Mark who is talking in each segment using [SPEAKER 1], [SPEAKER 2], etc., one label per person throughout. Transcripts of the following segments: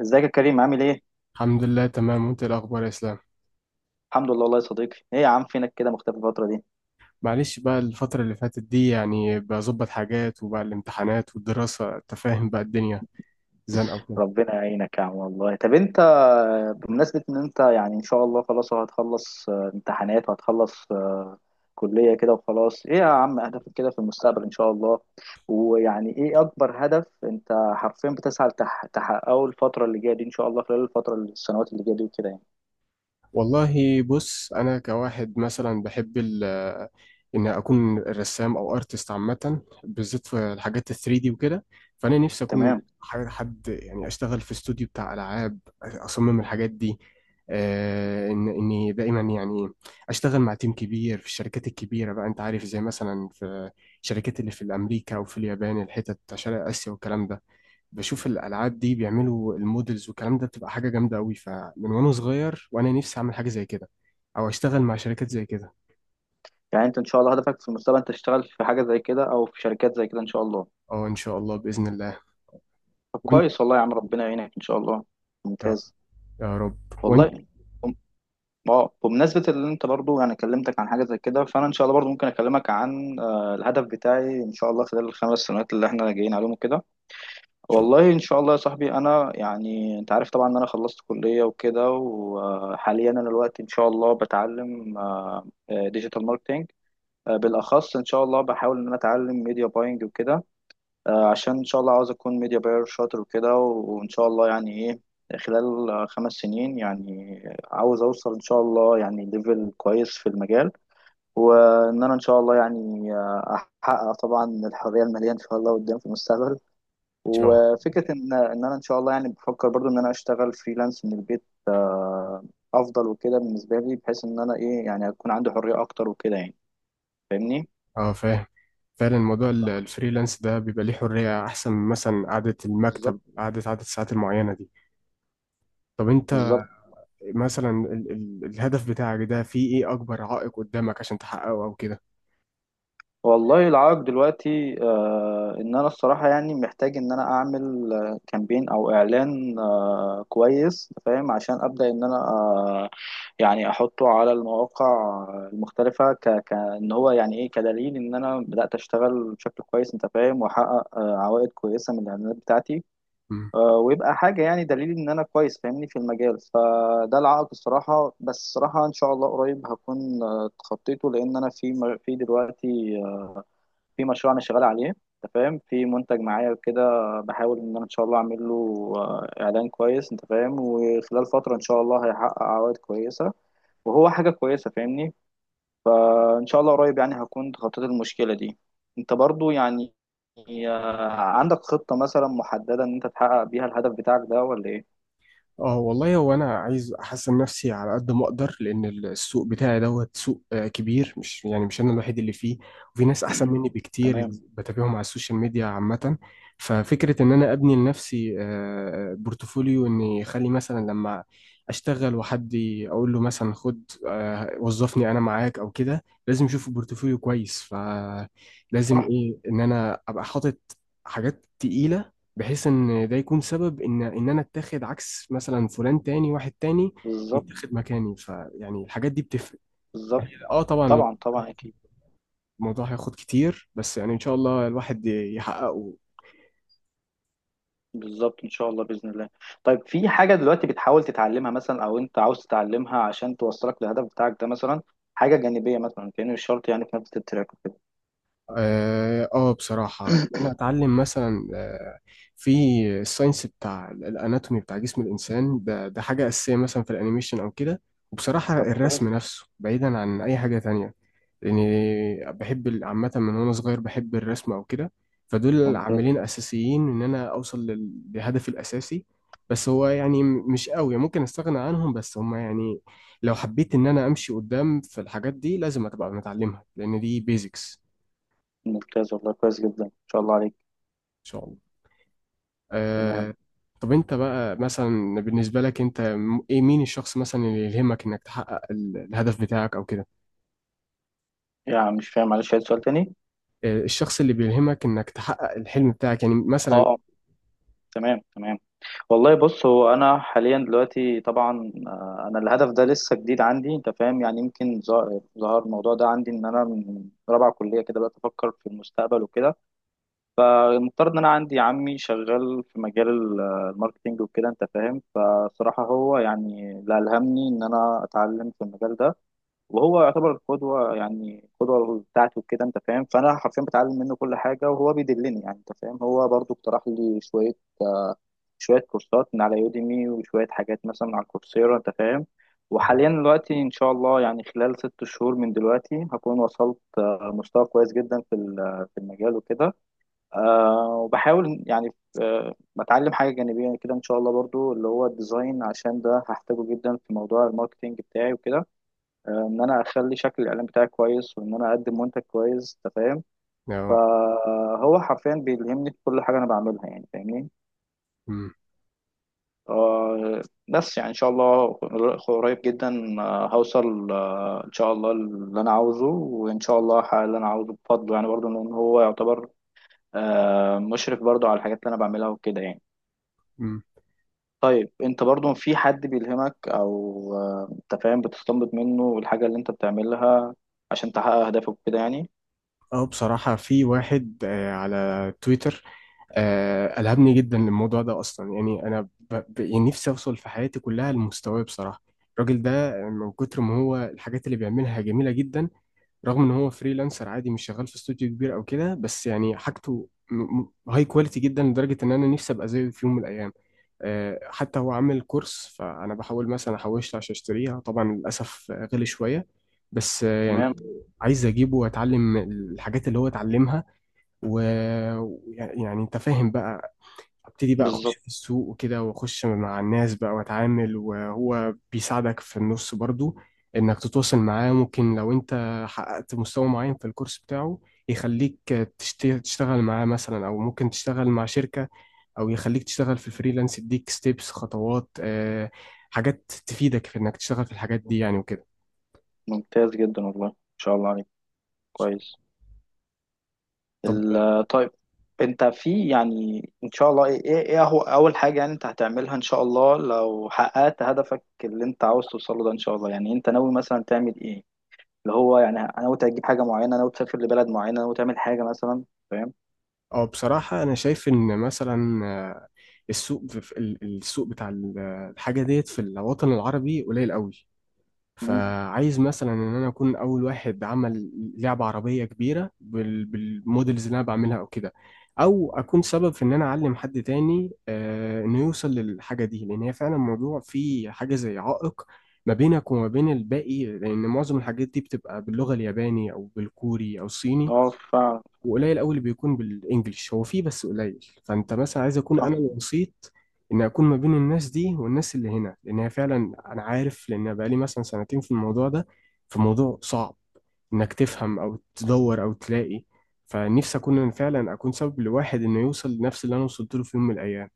[SPEAKER 1] ازيك يا كريم عامل ايه؟
[SPEAKER 2] الحمد لله، تمام. وانت ايه الاخبار يا اسلام؟
[SPEAKER 1] الحمد لله والله يا صديقي، ايه يا عم فينك كده مختفي الفترة دي؟
[SPEAKER 2] معلش، بقى الفترة اللي فاتت دي يعني بظبط حاجات وبقى الامتحانات والدراسة، انت فاهم بقى الدنيا زنقة وكده.
[SPEAKER 1] ربنا يعينك يا عم والله، طب انت بمناسبة ان انت يعني ان شاء الله خلاص أهو هتخلص امتحانات وهتخلص كلية كده وخلاص، ايه يا عم هدفك كده في المستقبل ان شاء الله؟ ويعني ايه اكبر هدف انت حرفيا بتسعى تحققه الفترة اللي جاية دي ان شاء الله خلال الفترة السنوات اللي جاية دي وكده يعني،
[SPEAKER 2] والله بص، انا كواحد مثلا بحب ال آه، ان اكون رسام او ارتست عامه، بالذات في الحاجات ال 3D وكده. فانا نفسي اكون
[SPEAKER 1] تمام؟
[SPEAKER 2] حد يعني اشتغل في استوديو بتاع العاب، اصمم الحاجات دي. ان اني دايما يعني اشتغل مع تيم كبير في الشركات الكبيره، بقى انت عارف زي مثلا في الشركات اللي في امريكا وفي اليابان، الحتت بتاع شرق اسيا والكلام ده. بشوف الالعاب دي بيعملوا المودلز والكلام ده بتبقى حاجه جامده قوي، فمن وانا صغير وانا نفسي اعمل حاجه زي كده او اشتغل مع شركات زي كده.
[SPEAKER 1] يعني انت ان شاء الله هدفك في المستقبل انت تشتغل في حاجة زي كده او في شركات زي كده ان شاء الله.
[SPEAKER 2] اه، ان شاء الله باذن الله.
[SPEAKER 1] طب
[SPEAKER 2] وانت.
[SPEAKER 1] كويس والله يا عم ربنا يعينك ان شاء الله.
[SPEAKER 2] يا
[SPEAKER 1] ممتاز
[SPEAKER 2] يا رب. وانت ان
[SPEAKER 1] والله. بم- اه بمناسبة اللي انت برضو انا كلمتك عن حاجة زي كده فانا ان شاء الله برضو ممكن اكلمك عن الهدف بتاعي ان شاء الله خلال الـ 5 سنوات اللي احنا جايين عليهم كده.
[SPEAKER 2] شاء ان
[SPEAKER 1] والله ان شاء الله يا صاحبي، انا يعني انت عارف طبعا ان انا خلصت كلية وكده، وحاليا انا دلوقتي ان شاء الله بتعلم ديجيتال ماركتينج، بالاخص ان شاء الله بحاول ان انا اتعلم ميديا باينج وكده، عشان ان شاء الله عاوز اكون ميديا باير شاطر وكده، وان شاء الله يعني ايه خلال 5 سنين يعني عاوز اوصل ان شاء الله يعني ليفل كويس في المجال، وان انا ان شاء الله يعني احقق طبعا الحريه الماليه ان شاء الله قدام في المستقبل.
[SPEAKER 2] شاء الله.
[SPEAKER 1] وفكره ان انا ان شاء الله يعني بفكر برضو ان انا اشتغل فريلانس من البيت افضل وكده بالنسبه لي، بحيث ان انا ايه يعني اكون عندي حريه اكتر وكده يعني. فاهمني؟
[SPEAKER 2] اه، فاهم. فعلا موضوع الفريلانس ده بيبقى ليه حريه احسن من مثلا قعده
[SPEAKER 1] بالظبط.
[SPEAKER 2] المكتب، قعده عدد الساعات المعينه دي. طب انت
[SPEAKER 1] بالظبط.
[SPEAKER 2] مثلا ال الهدف بتاعك ده فيه ايه اكبر عائق قدامك عشان تحققه او كده؟
[SPEAKER 1] والله العائق دلوقتي ان انا الصراحه يعني محتاج ان انا اعمل كامبين او اعلان كويس فاهم، عشان ابدا ان انا يعني احطه على المواقع المختلفه، ك ك ان هو يعني ايه كدليل ان انا بدات اشتغل بشكل كويس انت فاهم، واحقق عوائد كويسه من الاعلانات بتاعتي، ويبقى حاجه يعني دليل ان انا كويس فاهمني في المجال. فده العائق الصراحه، بس الصراحه ان شاء الله قريب هكون اتخطيته، لان انا في دلوقتي في مشروع انا شغال عليه انت فاهم، في منتج معايا كده، بحاول ان انا ان شاء الله اعمل له اعلان كويس انت فاهم، وخلال فتره ان شاء الله هيحقق عوائد كويسه وهو حاجه كويسه فاهمني. فان شاء الله قريب يعني هكون تخطيت المشكله دي. انت برضو يعني عندك خطه مثلا محدده ان انت تحقق بيها الهدف بتاعك ده ولا ايه؟
[SPEAKER 2] اه، والله هو انا عايز احسن نفسي على قد ما اقدر، لان السوق بتاعي دوت سوق كبير، مش يعني مش انا الوحيد اللي فيه. وفي ناس احسن مني بكتير
[SPEAKER 1] تمام.
[SPEAKER 2] اللي بتابعهم على السوشيال ميديا عامة. ففكرة ان انا ابني لنفسي بورتفوليو، اني اخلي مثلا لما اشتغل وحد اقول له مثلا خد، وظفني انا معاك او كده، لازم اشوف بورتفوليو كويس. فلازم
[SPEAKER 1] صح.
[SPEAKER 2] ايه ان انا ابقى حاطط حاجات تقيلة، بحيث ان ده يكون سبب ان انا اتاخد، عكس مثلا فلان تاني، واحد تاني
[SPEAKER 1] بالظبط.
[SPEAKER 2] يتاخد مكاني. فيعني الحاجات دي بتفرق.
[SPEAKER 1] بالظبط.
[SPEAKER 2] اه، طبعا.
[SPEAKER 1] طبعا، طبعا اكيد.
[SPEAKER 2] الموضوع هياخد كتير بس يعني ان شاء الله الواحد يحققه.
[SPEAKER 1] بالظبط ان شاء الله باذن الله. طيب، في حاجه دلوقتي بتحاول تتعلمها مثلا او انت عاوز تتعلمها عشان توصلك للهدف بتاعك ده، مثلا حاجه جانبيه، مثلا كأنه مش شرط يعني في نفس التراك وكده؟
[SPEAKER 2] اه، بصراحة إن انا اتعلم مثلا في الساينس بتاع الاناتومي بتاع جسم الانسان ده، حاجة اساسية مثلا في الانيميشن او كده. وبصراحة
[SPEAKER 1] طب كويس.
[SPEAKER 2] الرسم نفسه بعيدا عن اي حاجة تانية، لاني بحب عامه من وانا صغير بحب الرسم او كده. فدول
[SPEAKER 1] ممتاز.
[SPEAKER 2] عاملين اساسيين ان انا اوصل لهدفي الاساسي. بس هو يعني مش قوي ممكن استغنى عنهم، بس هم يعني لو حبيت ان انا امشي قدام في الحاجات دي لازم ابقى متعلمها لان دي بيزكس.
[SPEAKER 1] ممتاز والله كويس جدا ان شاء الله عليك.
[SPEAKER 2] ان شاء الله.
[SPEAKER 1] تمام.
[SPEAKER 2] أه. طب انت بقى مثلا بالنسبه لك انت ايه، مين الشخص مثلا اللي يلهمك انك تحقق الهدف بتاعك او كده؟
[SPEAKER 1] يعني مش فاهم، معلش عايز سؤال تاني.
[SPEAKER 2] الشخص اللي بيلهمك انك تحقق الحلم بتاعك يعني
[SPEAKER 1] اه،
[SPEAKER 2] مثلا.
[SPEAKER 1] اه، تمام، تمام. والله بص، هو انا حاليا دلوقتي طبعا انا الهدف ده لسه جديد عندي انت فاهم، يعني يمكن ظهر الموضوع ده عندي ان انا من رابعه كليه كده بدات افكر في المستقبل وكده. المفترض ان انا عندي عمي شغال في مجال الماركتينج وكده انت فاهم، فصراحة هو يعني اللي ألهمني ان انا اتعلم في المجال ده، وهو يعتبر القدوة يعني القدوة بتاعتي وكده انت فاهم، فانا حرفيا بتعلم منه كل حاجة وهو بيدلني يعني انت فاهم، هو برضو اقترح لي شوية كورسات من على يوديمي، وشوية حاجات مثلا على كورسيرا انت فاهم.
[SPEAKER 2] مم.
[SPEAKER 1] وحاليا دلوقتي ان شاء الله يعني خلال 6 شهور من دلوقتي هكون وصلت مستوى كويس جدا في في المجال وكده. وبحاول يعني بتعلم حاجة جانبية كده إن شاء الله برضو اللي هو الديزاين، عشان ده هحتاجه جدا في موضوع الماركتينج بتاعي وكده، إن أنا أخلي شكل الإعلان بتاعي كويس وإن أنا أقدم منتج كويس أنت فاهم.
[SPEAKER 2] اه.
[SPEAKER 1] فهو حرفيا بيلهمني في كل حاجة أنا بعملها يعني فاهمني. أه بس يعني إن شاء الله قريب جدا هوصل إن شاء الله اللي أنا عاوزه، وإن شاء الله هحقق اللي أنا عاوزه بفضله، يعني برضو إن هو يعتبر مشرف برضو على الحاجات اللي أنا بعملها وكده يعني.
[SPEAKER 2] مم.
[SPEAKER 1] طيب انت برضو في حد بيلهمك او انت فاهم بتستنبط منه الحاجة اللي انت بتعملها عشان تحقق اهدافك كده يعني؟
[SPEAKER 2] اه، بصراحة في واحد على تويتر. ألهمني جدا للموضوع ده أصلا، يعني أنا يعني نفسي أوصل في حياتي كلها لمستواه بصراحة. الراجل ده، من كتر ما هو الحاجات اللي بيعملها جميلة جدا، رغم ان هو فريلانسر عادي مش شغال في استوديو كبير او كده، بس يعني حاجته هاي كواليتي جدا لدرجه ان انا نفسي ابقى زيه في يوم من الايام. حتى هو عامل كورس، فانا بحاول مثلا احوشت عشان اشتريها، طبعا للاسف غلي شويه، بس
[SPEAKER 1] تمام.
[SPEAKER 2] يعني عايز اجيبه واتعلم الحاجات اللي هو اتعلمها. ويعني انت فاهم بقى، ابتدي بقى اخش
[SPEAKER 1] بالظبط.
[SPEAKER 2] في السوق وكده واخش مع الناس بقى واتعامل، وهو بيساعدك في النص برضو انك تتواصل معاه. ممكن لو انت حققت مستوى معين في الكورس بتاعه يخليك تشتغل معاه مثلا، او ممكن تشتغل مع شركة، او يخليك تشتغل في الفريلانس، يديك ستيبس خطوات، حاجات تفيدك في انك تشتغل في الحاجات دي يعني وكده.
[SPEAKER 1] ممتاز جدا والله ان شاء الله عليك. كويس.
[SPEAKER 2] طب.
[SPEAKER 1] طيب، انت في يعني ان شاء الله، ايه هو اول حاجة يعني انت هتعملها ان شاء الله لو حققت هدفك اللي انت عاوز توصله ده ان شاء الله، يعني انت ناوي مثلا تعمل ايه؟ اللي هو يعني ناوي تجيب حاجة معينة، ناوي تسافر لبلد معينة، ناوي تعمل حاجة مثلا؟ فاهم؟
[SPEAKER 2] اه، بصراحة أنا شايف إن مثلا السوق السوق بتاع الحاجة ديت في الوطن العربي قليل قوي.
[SPEAKER 1] مم.
[SPEAKER 2] فعايز مثلا ان انا اكون اول واحد عمل لعبه عربيه كبيره بالمودلز اللي انا بعملها او كده، او اكون سبب في ان انا اعلم حد تاني، انه يوصل للحاجه دي، لان هي فعلا موضوع فيه حاجه زي عائق ما بينك وما بين الباقي، لان معظم الحاجات دي بتبقى باللغه الياباني او بالكوري او الصيني.
[SPEAKER 1] اه فعلا.
[SPEAKER 2] وقليل قوي اللي بيكون بالانجلش، هو فيه بس قليل. فانت مثلا عايز اكون انا الوسيط، ان اكون ما بين الناس دي والناس اللي هنا، لان هي فعلا انا عارف لان بقالي مثلا سنتين في الموضوع ده، فموضوع صعب انك تفهم او تدور او تلاقي. فنفسي اكون أنا فعلا اكون سبب لواحد انه يوصل لنفس اللي انا وصلت له في يوم من الايام.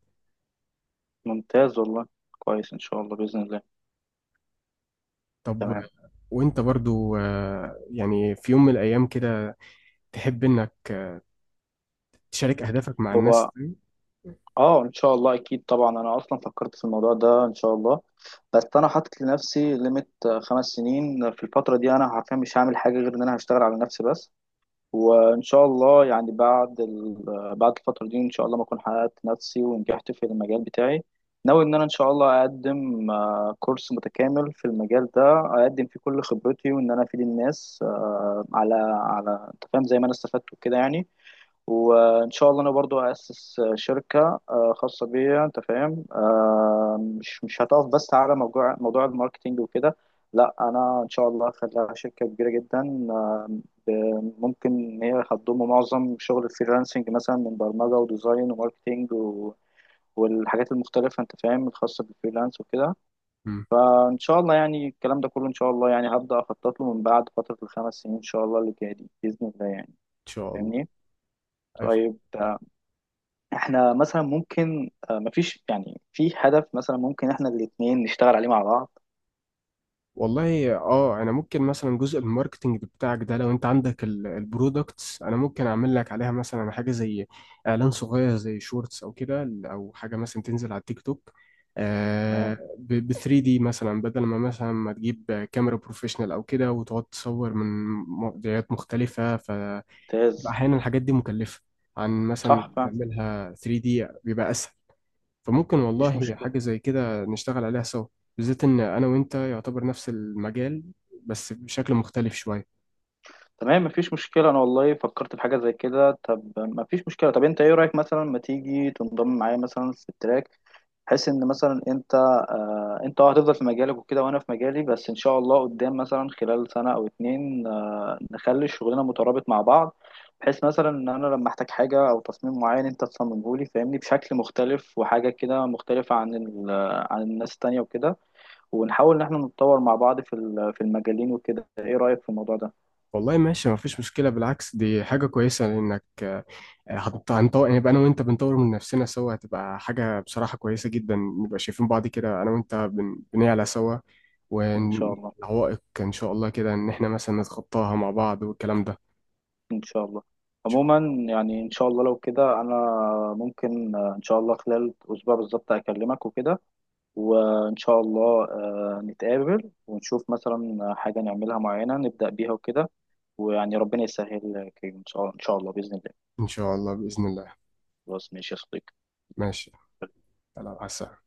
[SPEAKER 1] ممتاز والله كويس ان شاء الله باذن الله.
[SPEAKER 2] طب
[SPEAKER 1] تمام.
[SPEAKER 2] وانت برضو، يعني في يوم من الايام كده تحب انك تشارك اهدافك مع الناس
[SPEAKER 1] هو
[SPEAKER 2] تاني؟
[SPEAKER 1] اه ان شاء الله اكيد طبعا، انا اصلا فكرت في الموضوع ده ان شاء الله، بس انا حاطط لنفسي ليميت 5 سنين. في الفتره دي انا حرفيا مش هعمل حاجه غير ان انا هشتغل على نفسي بس. وان شاء الله يعني بعد الفتره دي ان شاء الله ما اكون حققت نفسي ونجحت في المجال بتاعي، ناوي ان انا ان شاء الله اقدم كورس متكامل في المجال ده، اقدم فيه كل خبرتي، وان انا افيد الناس على على انت فاهم زي ما انا استفدت وكده يعني. وان شاء الله انا برضو اسس شركه خاصه بيا انت فاهم، مش هتقف بس على موضوع الماركتينج وكده. لا، انا ان شاء الله هخليها شركه كبيره جدا ممكن ان هي هتضم معظم شغل الفريلانسنج مثلا من برمجه وديزاين وماركتينج والحاجات المختلفه انت فاهم الخاصه بالفريلانس وكده.
[SPEAKER 2] مم. ان
[SPEAKER 1] فان شاء الله يعني الكلام ده كله ان شاء الله يعني هبدا اخطط له من بعد فتره الـ 5 سنين ان شاء الله اللي جايه دي باذن الله يعني.
[SPEAKER 2] شاء الله.
[SPEAKER 1] فاهمني؟ طيب، احنا مثلا ممكن مفيش يعني في هدف مثلا ممكن احنا الاتنين نشتغل عليه مع بعض؟
[SPEAKER 2] والله اه، انا ممكن مثلا جزء الماركتنج بتاعك ده، لو انت عندك البرودكتس انا ممكن اعمل لك عليها مثلا حاجه زي اعلان صغير زي شورتس او كده، او حاجه مثلا تنزل على التيك توك،
[SPEAKER 1] تمام.
[SPEAKER 2] ب 3 دي مثلا، بدل ما مثلا ما تجيب كاميرا بروفيشنال او كده وتقعد تصور من مواضيعات مختلفه. ف
[SPEAKER 1] ممتاز.
[SPEAKER 2] احيانا الحاجات دي مكلفه، عن مثلا
[SPEAKER 1] صح فعلا.
[SPEAKER 2] تعملها 3D بيبقى اسهل. فممكن
[SPEAKER 1] مفيش
[SPEAKER 2] والله
[SPEAKER 1] مشكلة.
[SPEAKER 2] حاجة زي كده نشتغل عليها سوا، بالذات إن أنا وأنت يعتبر نفس المجال، بس بشكل مختلف شوية.
[SPEAKER 1] تمام مفيش مشكلة، انا والله فكرت في حاجة زي كده. طب مفيش مشكلة، طب انت ايه رأيك مثلا ما تيجي تنضم معايا مثلا في التراك، بحيث ان مثلا انت هتفضل في مجالك وكده وانا في مجالي، بس ان شاء الله قدام مثلا خلال سنة او اتنين نخلي الشغلنا مترابط مع بعض، بحيث مثلا ان انا لما احتاج حاجة او تصميم معين انت تصممه لي فاهمني بشكل مختلف، وحاجة كده مختلفة عن عن الناس التانية وكده، ونحاول ان احنا نتطور مع بعض في في المجالين وكده. ايه رأيك في الموضوع ده؟
[SPEAKER 2] والله ماشي، مفيش مشكلة، بالعكس دي حاجة كويسة لأنك هنطور يعني، يبقى أنا وأنت بنطور من نفسنا سوا، هتبقى حاجة بصراحة كويسة جدا، نبقى شايفين بعض كده أنا وأنت بنعلى سوا،
[SPEAKER 1] ان شاء الله،
[SPEAKER 2] والعوائق إن شاء الله كده إن إحنا مثلا نتخطاها مع بعض والكلام ده. إن
[SPEAKER 1] ان شاء الله،
[SPEAKER 2] شاء
[SPEAKER 1] عموما
[SPEAKER 2] الله
[SPEAKER 1] يعني ان شاء الله لو كده، انا ممكن ان شاء الله خلال اسبوع بالظبط اكلمك وكده، وإن شاء الله نتقابل ونشوف مثلا حاجة نعملها معينة نبدأ بيها وكده، ويعني ربنا يسهل يا كريم إن شاء الله بإذن الله.
[SPEAKER 2] إن شاء الله بإذن الله.
[SPEAKER 1] خلاص ماشي يا صديقي.
[SPEAKER 2] ماشي. على السلامة.